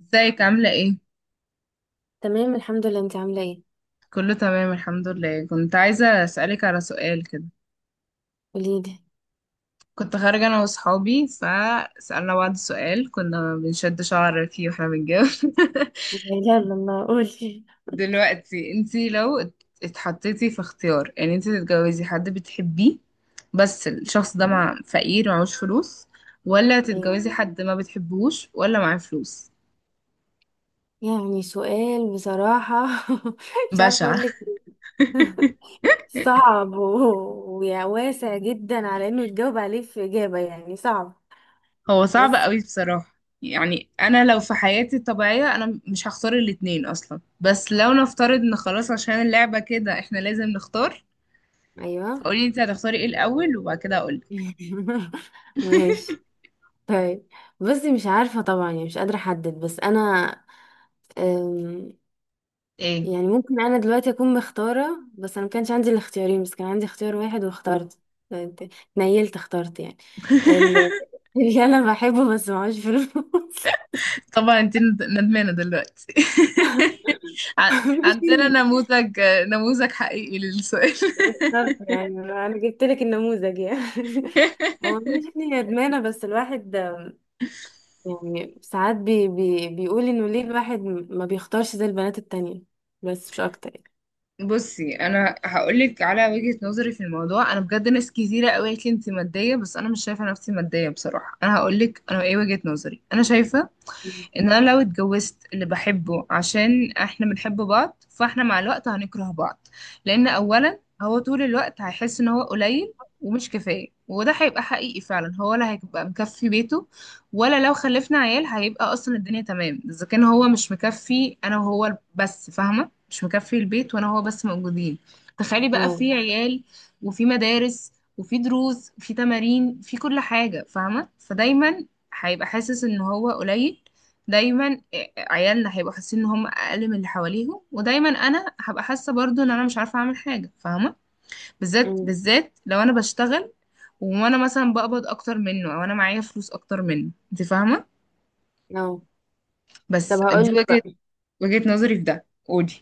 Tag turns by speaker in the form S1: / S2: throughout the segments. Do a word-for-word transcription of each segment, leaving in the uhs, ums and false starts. S1: ازيك عاملة ايه؟
S2: تمام الحمد لله، انت عامله ايه؟
S1: كله تمام الحمد لله، كنت عايزة اسألك على سؤال كده.
S2: قوليلي.
S1: كنت خارجة انا واصحابي فسألنا بعض سؤال كنا بنشد شعر فيه واحنا بنتجوز.
S2: يلا الله قولي
S1: دلوقتي انتي لو ات- اتحطيتي في اختيار ان انتي تتجوزي حد بتحبيه، بس الشخص ده مع فقير ومعهوش فلوس، ولا
S2: ايه.
S1: تتجوزي حد ما بتحبوش ولا معاه فلوس.
S2: يعني سؤال بصراحه. مش عارفه
S1: بشع.
S2: اقول لك إيه. صعب و- وواسع جدا على انه يتجاوب عليه في اجابه، يعني صعب
S1: هو صعب
S2: بس.
S1: قوي بصراحة. يعني انا لو في حياتي الطبيعية انا مش هختار الاتنين اصلا، بس لو نفترض ان خلاص عشان اللعبة كده احنا لازم نختار،
S2: ايوه.
S1: فقولي انت هتختاري ايه الاول وبعد كده اقولك.
S2: ماشي، طيب. بصي مش عارفه طبعا، يعني مش قادره احدد، بس انا أم،
S1: ايه.
S2: يعني ممكن انا دلوقتي اكون مختاره، بس انا ما كانش عندي الاختيارين، بس كان عندي اختيار واحد واخترت. نيلت اخترت يعني ال- اللي انا بحبه بس معهوش فلوس.
S1: طبعا انت ند- ندمانة دلوقتي. ع-
S2: مش
S1: عندنا
S2: اني،
S1: نموذج، نموذج حقيقي للسؤال.
S2: يعني انا جبت لك النموذج يعني. هو مش اني ندمانه، بس الواحد يعني ساعات بي بي بيقول انه ليه الواحد ما بيختارش زي البنات التانية؟ بس مش اكتر يعني.
S1: بصي، انا هقولك على وجهة نظري في الموضوع. انا بجد ناس كتيره قوي قالت لي انت ماديه، بس انا مش شايفه نفسي ماديه بصراحه. انا هقولك انا ايه وجهة نظري. انا شايفه ان انا لو اتجوزت اللي بحبه عشان احنا بنحب بعض، فاحنا مع الوقت هنكره بعض. لان اولا هو طول الوقت هيحس ان هو قليل ومش كفاية، وده هيبقى حقيقي فعلا. هو لا هيبقى مكفي بيته، ولا لو خلفنا عيال هيبقى اصلا الدنيا تمام. اذا كان هو مش مكفي انا وهو بس، فاهمة، مش مكفي البيت وانا هو بس موجودين، تخيلي بقى
S2: اه.
S1: في عيال، وفي مدارس، وفي دروس، وفي تمارين، في كل حاجة، فاهمة؟ فدايما هيبقى حاسس ان هو قليل. دايما آه، عيالنا هيبقوا حاسين ان هم اقل من اللي حواليهم، ودايما انا هبقى حاسه برضو ان انا مش عارفه اعمل حاجه، فاهمه؟ بالذات
S2: أمم.
S1: بالذات لو انا بشتغل وانا مثلا بقبض اكتر منه، او انا معايا فلوس اكتر منه، انت فاهمه.
S2: اه. طب
S1: بس دي
S2: هقول لك
S1: وجهه،
S2: بقى،
S1: وجهه نظري في ده. قولي.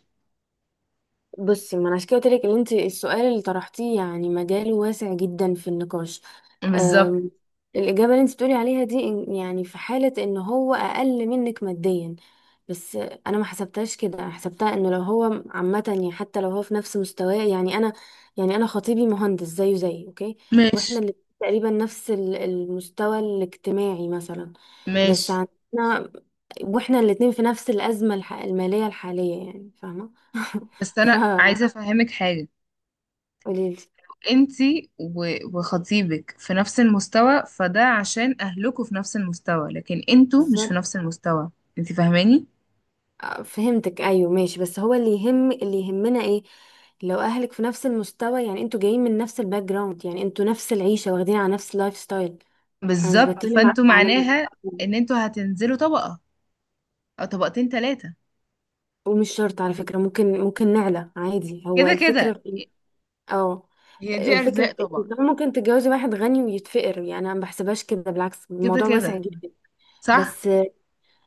S2: بصي ما انا عشان كده قلت لك ان انت السؤال اللي طرحتيه يعني مجاله واسع جدا في النقاش.
S1: بالظبط.
S2: أم، الاجابه اللي انت بتقولي عليها دي إن- يعني في حاله ان هو اقل منك ماديا، بس انا ما حسبتهاش كده، أنا حسبتها انه لو هو عامه، يعني حتى لو هو في نفس مستواه، يعني انا يعني انا خطيبي مهندس زيه زي، اوكي؟ واحنا
S1: ماشي،
S2: اللي تقريبا نفس ال- المستوى الاجتماعي مثلا، بس
S1: ماشي.
S2: عندنا واحنا الاتنين في نفس الازمه الح- الماليه الحاليه، يعني فاهمه.
S1: بس
S2: ف
S1: انا عايزه افهمك حاجه.
S2: قوليلي.
S1: انتي و- وخطيبك في نفس المستوى، فده عشان اهلكوا في نفس المستوى، لكن انتوا مش في
S2: بالظبط.
S1: نفس المستوى. انتي فاهماني.
S2: آه، فهمتك، ايوه ماشي، بس هو اللي يهم اللي يهمنا ايه؟ لو اهلك في نفس المستوى، يعني انتوا جايين من نفس الباك جراوند، يعني انتوا نفس العيشه واخدين على نفس اللايف ستايل. انا مش
S1: بالظبط،
S2: بتكلم ع-
S1: فانتوا
S2: على
S1: معناها ان انتوا هتنزلوا طبقة او طبقتين ثلاثة.
S2: ومش شرط على فكره، ممكن ممكن نعلى عادي، هو
S1: كده
S2: الفكره
S1: كده
S2: في إيه؟ اه.
S1: هي دي
S2: الفكره
S1: ارزاق
S2: في إيه؟ إن
S1: طبعا.
S2: طبعاً ممكن تتجوزي واحد غني ويتفقر، يعني انا ما بحسبهاش كده، بالعكس
S1: كده
S2: الموضوع واسع
S1: كده
S2: جدا.
S1: صح.
S2: بس،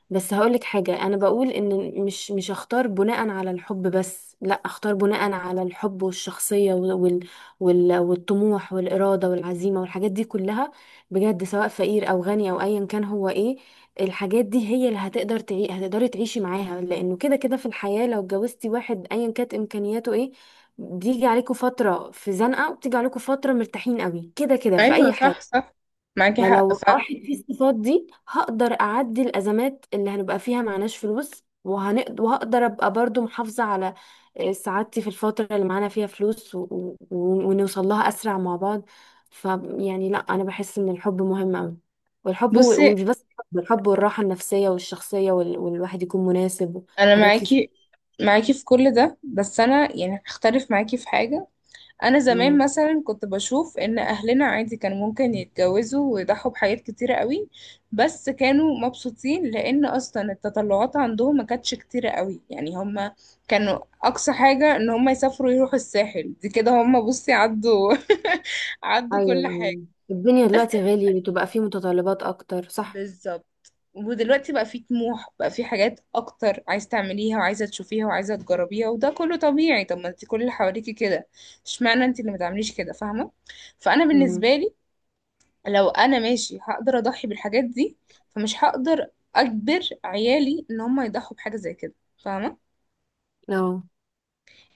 S2: بس هقولك حاجة، أنا بقول إن مش مش أختار بناء على الحب بس، لأ، أختار بناء على الحب والشخصية وال وال وال- والطموح والإرادة والعزيمة والحاجات دي كلها، بجد سواء فقير أو غني أو أيا كان، هو إيه؟ الحاجات دي هي اللي هتقدر تعي، هتقدري تعيشي معاها، لأنه كده كده في الحياة لو اتجوزتي واحد أيا كانت إمكانياته إيه، بيجي عليكم فترة في زنقة وبتيجي عليكم فترة مرتاحين قوي، كده كده في
S1: ايوه،
S2: أي
S1: صح
S2: حاجة.
S1: صح، معاكي حق
S2: فلو
S1: فعلا.
S2: راحت في الصفات دي هقدر أعدي الأزمات اللي هنبقى فيها معناش فلوس، وهنقدر وهقدر أبقى برضو محافظة على آه، سعادتي في الفترة اللي معانا فيها فلوس و... و... ونوصل لها أسرع مع بعض. ف يعني لا، أنا بحس إن الحب مهم أوي، والحب و...
S1: بصي
S2: ومش بس الحب، الحب والراحة النفسية والشخصية وال... والواحد يكون مناسب
S1: انا
S2: وحاجات كتير.
S1: معاكي، معاكي في كل ده، بس انا يعني هختلف معاكي في حاجه. انا زمان
S2: مم.
S1: مثلا كنت بشوف ان اهلنا عادي كان ممكن يتجوزوا ويضحوا بحاجات كتيرة قوي، بس كانوا مبسوطين لان اصلا التطلعات عندهم ما كانتش كتيرة قوي. يعني هم كانوا اقصى حاجة ان هم يسافروا يروحوا الساحل دي كده. هم بصي عدوا، عدوا
S2: أيوة
S1: كل حاجة.
S2: أيوة، الدنيا
S1: بس
S2: دلوقتي غالية، بتبقى فيه متطلبات أكتر، صح؟
S1: بالظبط. ودلوقتي بقى في طموح، بقى في حاجات اكتر عايز تعمليها وعايزه تشوفيها وعايزه تجربيها، وده كله طبيعي. طب ما انت كل اللي حواليكي كده، اشمعنى انت اللي ما تعمليش كده، فاهمه؟ فانا
S2: مم.
S1: بالنسبه لي لو انا ماشي هقدر اضحي بالحاجات دي، فمش هقدر اجبر عيالي ان هم يضحوا بحاجه زي كده، فاهمه؟
S2: اه.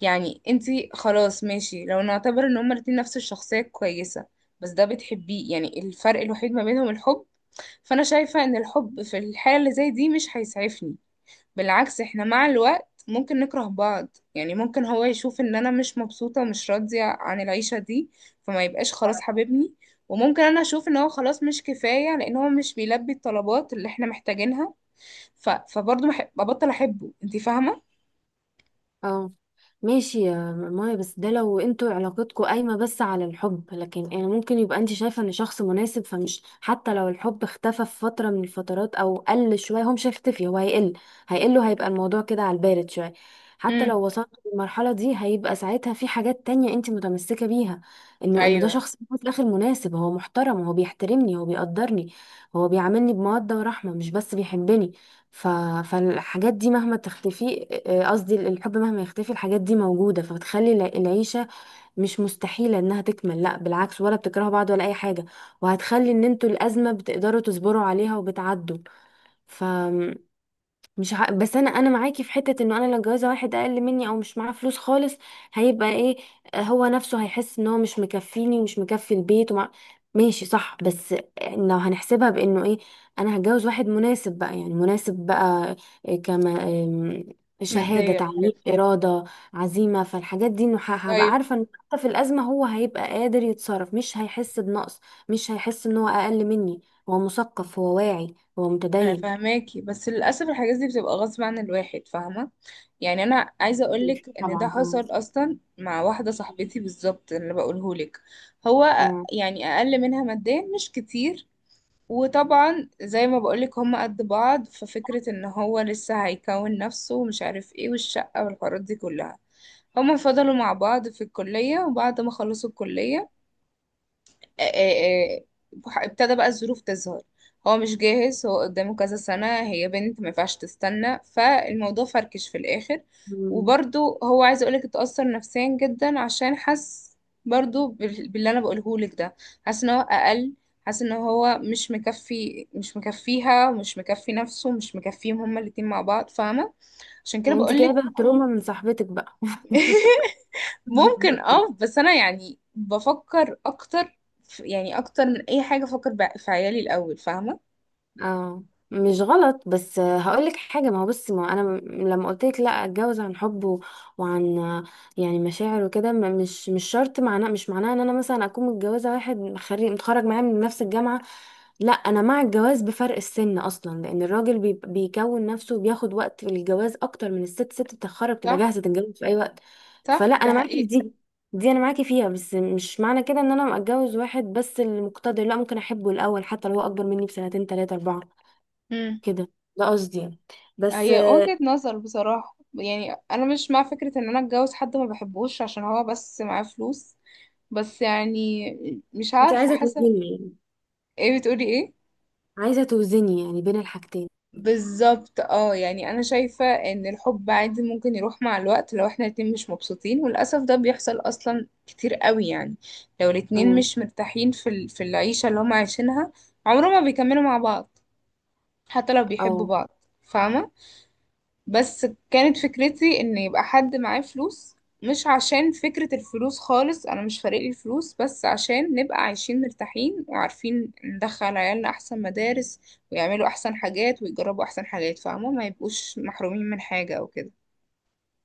S1: يعني انت خلاص ماشي، لو نعتبر ان هما الاتنين نفس الشخصيه كويسه، بس ده بتحبيه، يعني الفرق الوحيد ما بينهم الحب، فانا شايفة ان الحب في الحالة اللي زي دي مش هيسعفني. بالعكس، احنا مع الوقت ممكن نكره بعض. يعني ممكن هو يشوف ان انا مش مبسوطة ومش راضية عن العيشة دي، فما يبقاش خلاص حبيبني، وممكن انا اشوف ان هو خلاص مش كفاية لان هو مش بيلبي الطلبات اللي احنا محتاجينها. ف... فبرضه بح- ببطل احبه، انت فاهمة.
S2: اه ماشي يا مايا، بس ده لو انتوا علاقتكم قايمة بس على الحب، لكن يعني ممكن يبقى انت شايفة ان شخص مناسب، فمش حتى لو الحب اختفى في فترة من الفترات او قل شوية، هو مش هيختفي، هو هيقل، هيقل وهيبقى الموضوع كده على البارد شوية. حتى
S1: امم،
S2: لو وصلت للمرحلة دي، هيبقى ساعتها في حاجات تانية انت متمسكة بيها، انه انه ده
S1: ايوه،
S2: شخص في الاخر مناسب، هو محترم، هو بيحترمني، هو بيقدرني، هو بيعاملني بمودة ورحمة مش بس بيحبني. ف... فالحاجات دي مهما تختفي، آه، قصدي الحب مهما يختفي، الحاجات دي موجودة، فبتخلي الع- العيشة مش مستحيلة انها تكمل، لا بالعكس، ولا بتكرهوا بعض ولا اي حاجة، وهتخلي ان انتوا الأزمة بتقدروا تصبروا عليها وبتعدوا. ف مش ع... بس انا انا معاكي في حته، انه انا لو جوازه واحد اقل مني او مش معاه فلوس خالص، هيبقى ايه؟ آه، هو نفسه هيحس ان هو مش مكفيني ومش مكفي البيت ومع... ماشي صح، بس لو هنحسبها بانه ايه، انا هتجوز واحد مناسب بقى، يعني مناسب بقى إيه كما آم، شهاده،
S1: ماديا
S2: تعليم،
S1: وكده.
S2: اراده، عزيمه، فالحاجات دي انه ه- هبقى
S1: طيب
S2: عارفه ان حتى في الازمه هو هيبقى قادر يتصرف، مش هيحس بنقص، مش هيحس ان هو اقل مني، هو مثقف، هو واعي، هو
S1: انا
S2: متدين.
S1: فاهماكي، بس للاسف الحاجات دي بتبقى غصب عن الواحد، فاهمه؟ يعني انا عايزه اقولك ان ده
S2: طبعا. اه.
S1: حصل اصلا مع واحده صاحبتي بالظبط اللي بقولهولك. هو
S2: اه.
S1: أ- يعني اقل منها ماديا مش كتير، وطبعا زي ما بقولك هما قد بعض، ففكره ان هو لسه هيكون نفسه ومش عارف ايه والشقه والحوارات دي كلها. هما فضلوا مع بعض في الكليه، وبعد ما خلصوا الكليه آه، آه، آه، ابتدى بقى الظروف تظهر. هو مش جاهز، هو قدامه كذا سنة، هي بنت ما ينفعش تستنى، فالموضوع فركش في الآخر.
S2: مم.
S1: وبرضو هو عايز أقولك اتأثر نفسيا جدا، عشان حس برضو بال- باللي أنا بقولهولك ده. حاسس إن هو أقل، حاسس إن هو مش مكفي، مش مكفيها ومش مكفي نفسه ومش مكفيهم هما الاتنين مع بعض، فاهمة؟ عشان كده
S2: يعني انت
S1: بقولك.
S2: جايبه تروما من صاحبتك بقى؟
S1: ممكن، اه، بس انا يعني بفكر اكتر في- يعني اكتر من اي حاجه افكر بع- في عيالي الاول، فاهمه.
S2: اه. مش غلط، بس هقول لك حاجه، ما هو بصي ما هو انا م- لما قلت لك لا اتجوز عن حب و- وعن يعني مشاعر وكده، ما- مش مش شرط معناه، مش معناه ان انا مثلا اكون متجوزه واحد خريج متخرج معايا من نفس الجامعه، لا، انا مع الجواز بفرق السن اصلا، لان الراجل بي... بيكون نفسه وبياخد وقت في الجواز اكتر من الست، ست بتتخرج بتبقى
S1: صح،
S2: جاهزه تتجوز في اي وقت.
S1: صح
S2: فلا
S1: ده
S2: انا معاكي في
S1: حقيقة.
S2: دي، دي انا معاكي فيها، بس مش معنى كده ان انا اتجوز واحد بس اللي مقتدر، لا، ممكن احبه الاول حتى لو هو اكبر مني بسنتين تلاتة اربعة،
S1: مم.
S2: كده ده قصدي يعني. بس
S1: هي
S2: آه،
S1: وجهة نظر بصراحة، يعني أنا مش مع فكرة إن أنا أتجوز حد ما بحبوش عشان هو بس معاه فلوس. بس يعني مش
S2: انت
S1: عارفة
S2: عايزه
S1: حسب.
S2: توزني يعني؟
S1: إيه بتقولي إيه؟
S2: عايزه توزني يعني بين الحاجتين.
S1: بالظبط، اه. يعني انا شايفة ان الحب عادي ممكن يروح مع الوقت لو احنا الاتنين مش مبسوطين، وللأسف ده بيحصل اصلا كتير قوي. يعني لو الاتنين
S2: امم.
S1: مش مرتاحين في ال- في العيشة اللي هم عايشينها، عمرهم ما بيكملوا مع بعض حتى لو بيحبوا
S2: اه.
S1: بعض، فاهمة؟ بس كانت فكرتي ان يبقى حد معاه فلوس، مش عشان فكرة الفلوس خالص، انا مش فارق لي الفلوس، بس عشان نبقى عايشين مرتاحين وعارفين ندخل عيالنا احسن مدارس، ويعملوا احسن حاجات ويجربوا احسن حاجات، فاهمة؟ ما يبقوش محرومين من حاجة او كده.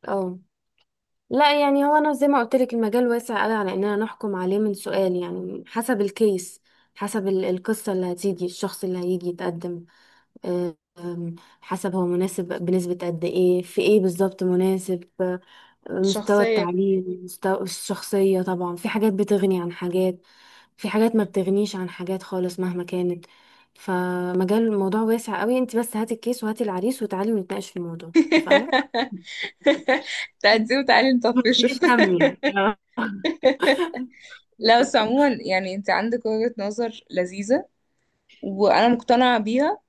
S2: اه لا، يعني هو انا زي ما قلت لك، المجال واسع قوي على اننا نحكم عليه من سؤال، يعني حسب الكيس، حسب ال- القصة اللي هتيجي، الشخص اللي هيجي يتقدم، أم، حسب هو مناسب بنسبة قد ايه، في ايه بالظبط مناسب، أه، مستوى
S1: شخصية.
S2: التعليم، مستوى الشخصية، طبعا في حاجات بتغني عن حاجات، في حاجات ما بتغنيش عن حاجات خالص مهما كانت، فمجال الموضوع واسع قوي، انت بس هاتي الكيس وهاتي العريس وتعالي ونتناقش في الموضوع، اتفقنا؟
S1: تعدي وتعالي
S2: ما
S1: نطفشه.
S2: تشيليش هم يعني.
S1: لا بس عموما يعني انت عندك وجهة نظر لذيذة وانا مقتنعة بيها،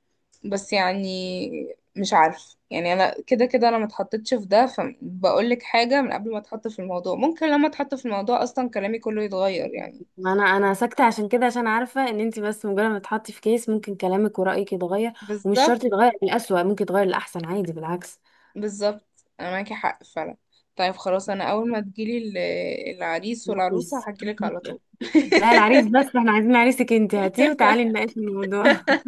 S1: بس يعني مش عارف. يعني انا كده كده انا ما اتحطتش في ده، فبقول لك حاجه من قبل ما اتحط في الموضوع. ممكن لما اتحط في الموضوع اصلا كلامي كله يتغير يعني.
S2: ما انا انا ساكته عشان كده، عشان عارفه ان انت بس مجرد ما تحطي في كيس ممكن كلامك ورايك يتغير، ومش
S1: بالظبط،
S2: شرط يتغير للأسوأ، ممكن يتغير للأحسن عادي، بالعكس.
S1: بالظبط، انا معاكي حق فعلا. طيب خلاص، انا اول ما تجيلي ال- العريس والعروسه
S2: العريس؟
S1: هحكيلك على طول.
S2: لا العريس، بس احنا عايزين عريسك انت، هاتيه وتعالي نناقش الموضوع.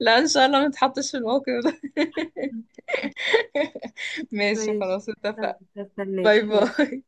S1: لا ان شاء الله ما اتحطش في الموقف ده. ماشي
S2: ماشي
S1: خلاص، اتفق.
S2: استناك،
S1: باي
S2: ماشي.
S1: باي.